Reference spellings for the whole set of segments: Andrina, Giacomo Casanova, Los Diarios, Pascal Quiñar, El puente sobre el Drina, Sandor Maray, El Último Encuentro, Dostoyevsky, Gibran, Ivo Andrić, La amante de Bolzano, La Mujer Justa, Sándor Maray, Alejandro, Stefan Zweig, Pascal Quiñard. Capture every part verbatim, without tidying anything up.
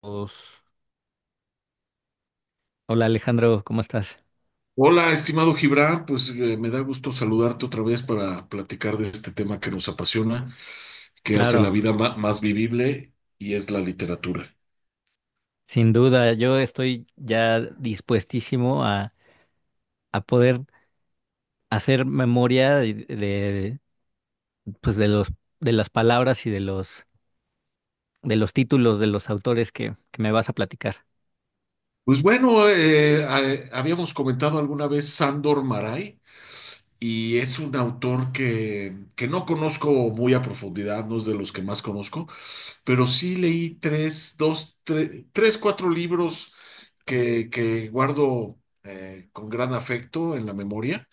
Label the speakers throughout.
Speaker 1: Pues, hola Alejandro, ¿cómo estás?
Speaker 2: Hola, estimado Gibran, pues eh, me da gusto saludarte otra vez para platicar de este tema que nos apasiona, que hace la
Speaker 1: Claro,
Speaker 2: vida ma- más vivible y es la literatura.
Speaker 1: sin duda, yo estoy ya dispuestísimo a, a poder hacer memoria de, de, pues de los de las palabras y de los de los títulos de los autores que, que me vas a platicar.
Speaker 2: Pues bueno, eh, a- habíamos comentado alguna vez Sándor Maray, y es un autor que, que no conozco muy a profundidad, no es de los que más conozco, pero sí leí tres, dos, tre- tres, cuatro libros que, que guardo eh, con gran afecto en la memoria.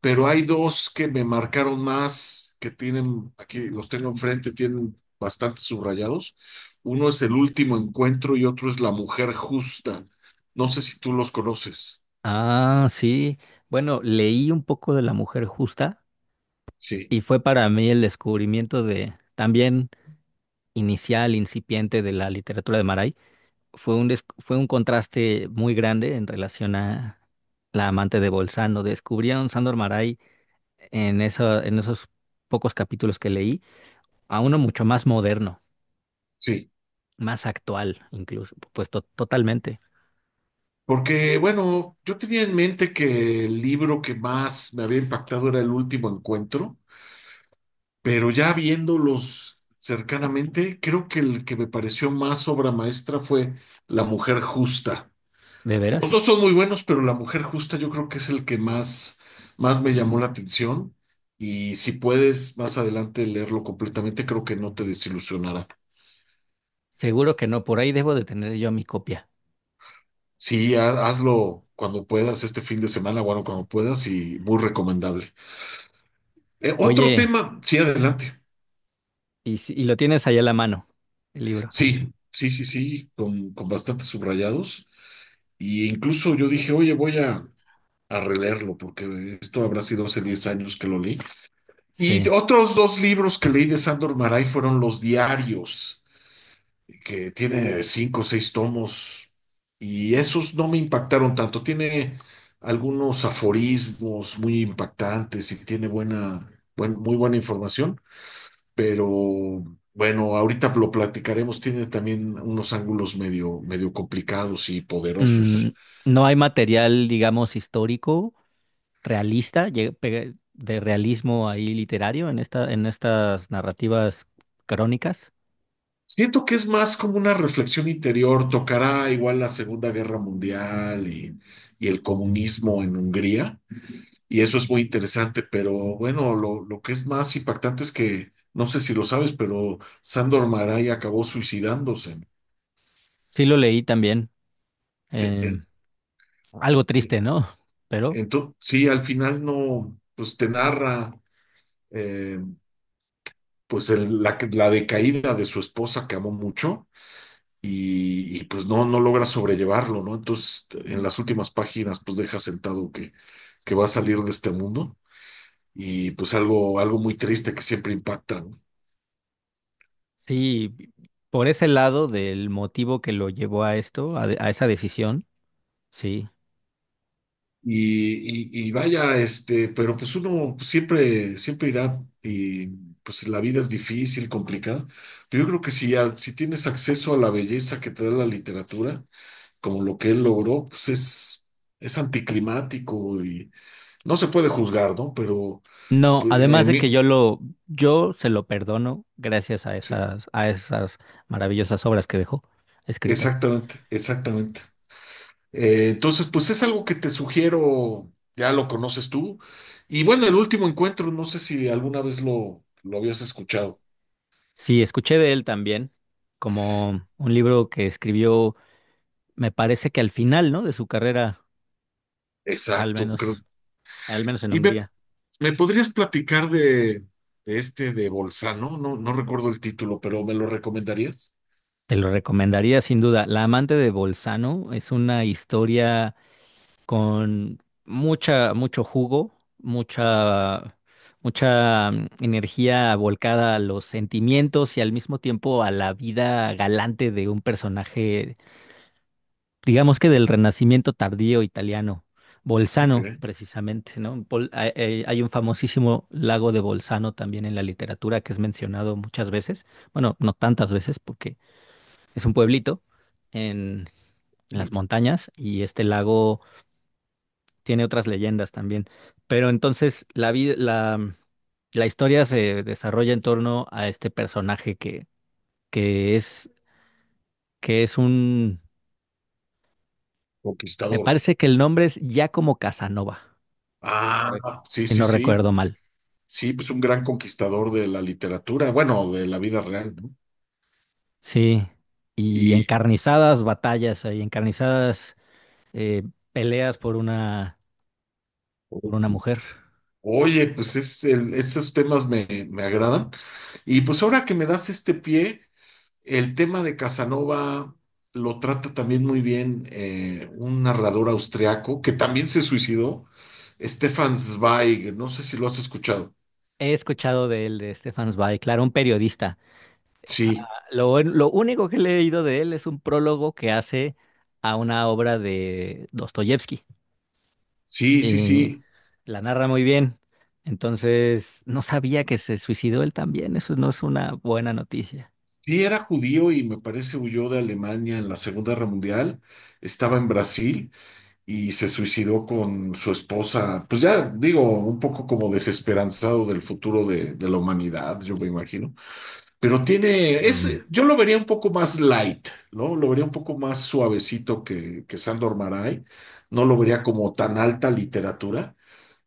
Speaker 2: Pero hay dos que me marcaron más, que tienen, aquí los tengo enfrente, tienen bastante subrayados. Uno es El Último Encuentro y otro es La Mujer Justa. No sé si tú los conoces.
Speaker 1: Ah, sí. Bueno, leí un poco de La Mujer Justa
Speaker 2: Sí,
Speaker 1: y fue para mí el descubrimiento de también inicial, incipiente de la literatura de Maray. Fue un, des- fue un contraste muy grande en relación a La amante de Bolzano. Descubrí a un Sandor Maray en, esa- en esos pocos capítulos que leí, a uno mucho más moderno,
Speaker 2: sí.
Speaker 1: más actual incluso, pues to- totalmente.
Speaker 2: Porque, bueno, yo tenía en mente que el libro que más me había impactado era El Último Encuentro, pero ya viéndolos cercanamente, creo que el que me pareció más obra maestra fue La Mujer Justa.
Speaker 1: ¿De
Speaker 2: Los
Speaker 1: veras?
Speaker 2: dos son muy buenos, pero La Mujer Justa yo creo que es el que más, más me llamó la atención. Y si puedes más adelante leerlo completamente, creo que no te desilusionará.
Speaker 1: Seguro que no, por ahí debo de tener yo mi copia.
Speaker 2: Sí, ha- hazlo cuando puedas, este fin de semana, bueno, cuando puedas, y muy recomendable. Eh, otro
Speaker 1: Oye,
Speaker 2: tema, sí, adelante.
Speaker 1: y, si- y lo tienes ahí a la mano, el libro.
Speaker 2: Sí, sí, sí, sí, con, con bastantes subrayados. Y incluso yo dije, oye, voy a, a releerlo, porque esto habrá sido hace diez años que lo leí. Y
Speaker 1: Sí.
Speaker 2: otros dos libros que leí de Sándor Maray fueron Los Diarios, que tiene cinco o seis tomos, y esos no me impactaron tanto. Tiene algunos aforismos muy impactantes y tiene buena, buen- muy buena información, pero bueno, ahorita lo platicaremos. Tiene también unos ángulos medio, medio complicados y
Speaker 1: Mm,
Speaker 2: poderosos.
Speaker 1: no hay material, digamos, histórico realista, lle- pe- de realismo ahí literario en esta, en estas narrativas crónicas.
Speaker 2: Siento que es más como una reflexión interior, tocará igual la Segunda Guerra Mundial y, y el comunismo en Hungría, y eso es muy interesante, pero bueno, lo, lo que es más impactante es que, no sé si lo sabes, pero Sándor Márai acabó suicidándose.
Speaker 1: Sí lo leí también.
Speaker 2: En- en-
Speaker 1: em, algo
Speaker 2: en-
Speaker 1: triste, ¿no? Pero
Speaker 2: Entonces, sí, al final no, pues te narra eh, pues el- la, la decaída de su esposa que amó mucho y, y, pues no, no logras sobrellevarlo, ¿no? Entonces, en las últimas páginas, pues deja sentado que, que va a salir de este mundo, y pues algo, algo muy triste que siempre impacta, ¿no?
Speaker 1: sí, por ese lado del motivo que lo llevó a esto, a, de- a esa decisión, sí.
Speaker 2: Y, y, y vaya, este, pero pues uno siempre, siempre irá y pues la vida es difícil, complicada, pero yo creo que si, a- si tienes acceso a la belleza que te da la literatura, como lo que él logró, pues es, es anticlimático y no se puede juzgar, ¿no? Pero
Speaker 1: No,
Speaker 2: pues,
Speaker 1: además
Speaker 2: en
Speaker 1: de que
Speaker 2: mí,
Speaker 1: yo lo, yo se lo perdono gracias a
Speaker 2: sí.
Speaker 1: esas, a esas maravillosas obras que dejó escritas.
Speaker 2: Exactamente, exactamente. Eh, entonces, pues es algo que te sugiero, ya lo conoces tú. Y bueno, el último encuentro, no sé si alguna vez lo, lo habías escuchado.
Speaker 1: Sí, escuché de él también, como un libro que escribió me parece que al final, ¿no? De su carrera, al
Speaker 2: Exacto, creo.
Speaker 1: menos, al menos en
Speaker 2: Y me
Speaker 1: Hungría.
Speaker 2: ¿Me podrías platicar de, de este de Bolzano? No, no no recuerdo el título, pero ¿me lo recomendarías?
Speaker 1: Te lo recomendaría sin duda. La amante de Bolzano es una historia con mucha, mucho jugo, mucha, mucha mm, energía volcada a los sentimientos y al mismo tiempo a la vida galante de un personaje digamos que del Renacimiento tardío italiano,
Speaker 2: Ok.
Speaker 1: Bolzano precisamente, ¿no? Bol- hay, hay- hay un famosísimo lago de Bolzano también en la literatura que es mencionado muchas veces, bueno, no tantas veces porque es un pueblito en, en las
Speaker 2: Mi
Speaker 1: montañas y este lago tiene otras leyendas también, pero entonces la vida, la, mm, la historia se desarrolla en torno a este personaje que, que es, que es un, me
Speaker 2: conquistador.
Speaker 1: parece que el nombre es Giacomo Casanova. si no,
Speaker 2: Ah,
Speaker 1: rec-
Speaker 2: sí,
Speaker 1: si
Speaker 2: sí,
Speaker 1: no
Speaker 2: sí.
Speaker 1: recuerdo mal.
Speaker 2: Sí, pues un gran conquistador de la literatura, bueno, de la vida real, ¿no?
Speaker 1: Sí, y
Speaker 2: Y
Speaker 1: encarnizadas batallas ahí, encarnizadas eh, peleas por una,
Speaker 2: ok.
Speaker 1: por una mujer.
Speaker 2: Oye, pues es el- esos temas me, me agradan. Y pues ahora que me das este pie, el tema de Casanova lo trata también muy bien, eh, un narrador austriaco que también se suicidó, Stefan Zweig, no sé si lo has escuchado.
Speaker 1: He escuchado de él, de Stefan Zweig, claro, un periodista.
Speaker 2: Sí,
Speaker 1: Lo, un- lo único que he leído de él es un prólogo que hace a una obra de Dostoyevsky.
Speaker 2: sí, sí,
Speaker 1: Y
Speaker 2: sí.
Speaker 1: la narra muy bien. Entonces, no sabía que se suicidó él también. Eso no es una buena noticia.
Speaker 2: Sí, era judío y me parece huyó de Alemania en la Segunda Guerra Mundial, estaba en Brasil. Y se suicidó con su esposa. Pues ya digo, un poco como desesperanzado del futuro de, de la humanidad, yo me imagino. Pero tiene,
Speaker 1: Mm.
Speaker 2: es, yo lo vería un poco más light, ¿no? Lo vería un poco más suavecito que, que Sandor Maray. No lo vería como tan alta literatura,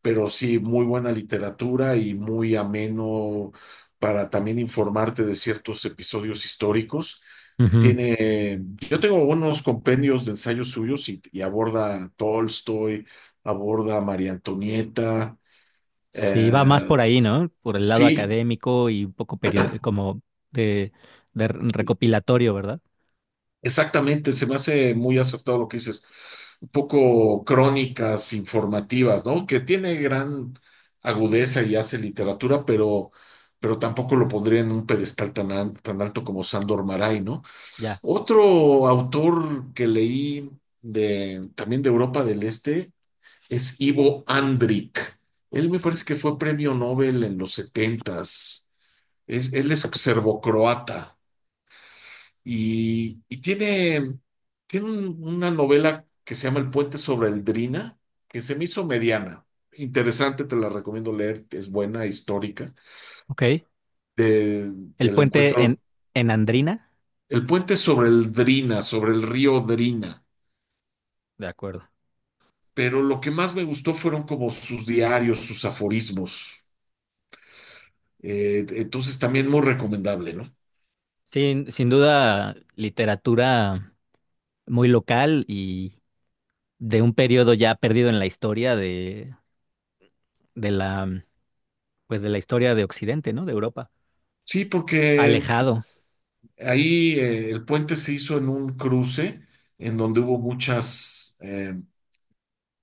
Speaker 2: pero sí, muy buena literatura y muy ameno para también informarte de ciertos episodios históricos.
Speaker 1: Ujú.
Speaker 2: Tiene, yo tengo unos compendios de ensayos suyos y, y aborda a Tolstoy, aborda a María Antonieta.
Speaker 1: Sí, va más
Speaker 2: eh,
Speaker 1: por ahí, ¿no? Por el lado
Speaker 2: sí.
Speaker 1: académico y un poco perio- como de, de r- recopilatorio, ¿verdad?
Speaker 2: Exactamente, se me hace muy acertado lo que dices. Un poco crónicas informativas, ¿no? Que tiene gran agudeza y hace literatura, pero, pero tampoco lo pondría en un pedestal tan, al- tan alto como Sándor Maray, ¿no?
Speaker 1: Ya,
Speaker 2: Otro autor que leí de, también de Europa del Este es Ivo Andrić. Él me parece que fue premio Nobel en los setentas. Es, él es serbocroata. Y, y tiene, tiene un- una novela que se llama El puente sobre el Drina, que se me hizo mediana. Interesante, te la recomiendo leer, es buena, histórica,
Speaker 1: ok.
Speaker 2: de-
Speaker 1: El
Speaker 2: del
Speaker 1: puente
Speaker 2: encuentro.
Speaker 1: en, en Andrina,
Speaker 2: El puente sobre el Drina, sobre el río Drina.
Speaker 1: de acuerdo.
Speaker 2: Pero lo que más me gustó fueron como sus diarios, sus aforismos. Eh, entonces también muy recomendable, ¿no?
Speaker 1: Sin, sin duda, literatura muy local y de un periodo ya perdido en la historia de, de la, pues de la historia de Occidente, ¿no? De Europa.
Speaker 2: Sí, porque
Speaker 1: Alejado.
Speaker 2: ahí eh, el puente se hizo en un cruce en donde hubo muchas... eh,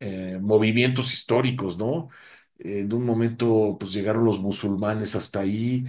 Speaker 2: eh, movimientos históricos, ¿no? En un momento, pues llegaron los musulmanes hasta ahí,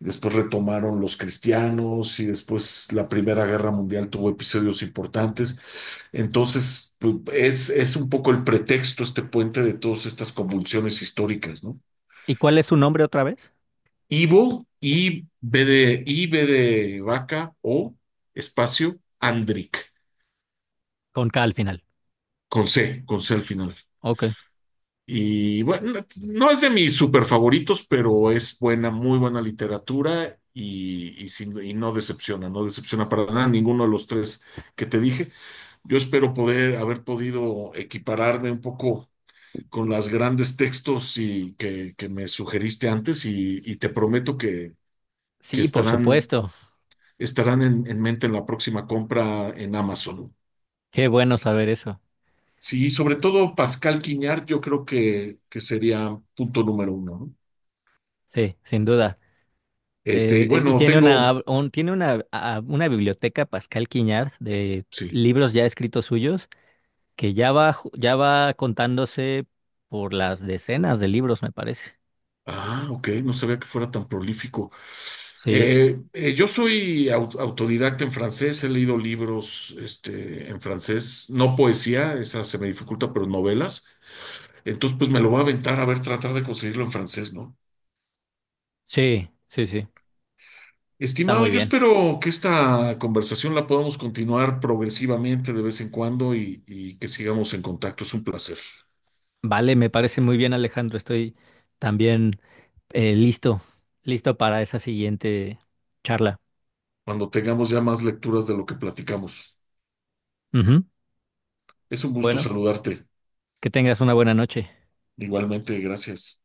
Speaker 2: después retomaron los cristianos y después la Primera Guerra Mundial tuvo episodios importantes. Entonces, pues, es, es un poco el pretexto, este puente de todas estas convulsiones históricas, ¿no?
Speaker 1: ¿Y cuál es su nombre otra vez?
Speaker 2: Ivo, I, B de, I, B de vaca, O, espacio, Andric,
Speaker 1: Con K al final.
Speaker 2: con C, con C al final.
Speaker 1: Ok.
Speaker 2: Y bueno, no es de mis super favoritos, pero es buena, muy buena literatura y, y, sin- y no decepciona, no decepciona para nada ninguno de los tres que te dije. Yo espero poder haber podido equipararme un poco con las grandes textos y que, que me sugeriste antes y, y te prometo que, que
Speaker 1: Sí, por
Speaker 2: estarán,
Speaker 1: supuesto.
Speaker 2: estarán en, en mente en la próxima compra en Amazon.
Speaker 1: Qué bueno saber eso.
Speaker 2: Sí, sobre todo Pascal Quiñar, yo creo que, que sería punto número uno, ¿no?
Speaker 1: Sí, sin duda.
Speaker 2: Este, y
Speaker 1: Eh, eh, y
Speaker 2: bueno,
Speaker 1: tiene
Speaker 2: tengo,
Speaker 1: una, un- tiene una, a- una biblioteca Pascal Quiñard de
Speaker 2: sí.
Speaker 1: libros ya escritos suyos que ya va, ju- ya va contándose por las decenas de libros, me parece.
Speaker 2: Ah, ok, no sabía que fuera tan prolífico.
Speaker 1: Sí,
Speaker 2: Eh, eh, yo soy au- autodidacta en francés, he leído libros, este, en francés, no poesía, esa se me dificulta, pero novelas. Entonces, pues me lo voy a aventar a ver, tratar de conseguirlo en francés, ¿no?
Speaker 1: sí, sí, sí. Está
Speaker 2: Estimado,
Speaker 1: muy
Speaker 2: yo
Speaker 1: bien.
Speaker 2: espero que esta conversación la podamos continuar progresivamente de vez en cuando y, y que sigamos en contacto. Es un placer.
Speaker 1: Vale, me parece muy bien, Alejandro. Estoy también eh, listo, listo para esa siguiente charla.
Speaker 2: Cuando tengamos ya más lecturas de lo que platicamos.
Speaker 1: Ujú.
Speaker 2: Es un gusto
Speaker 1: Bueno,
Speaker 2: saludarte.
Speaker 1: que tengas una buena noche.
Speaker 2: Igualmente, gracias.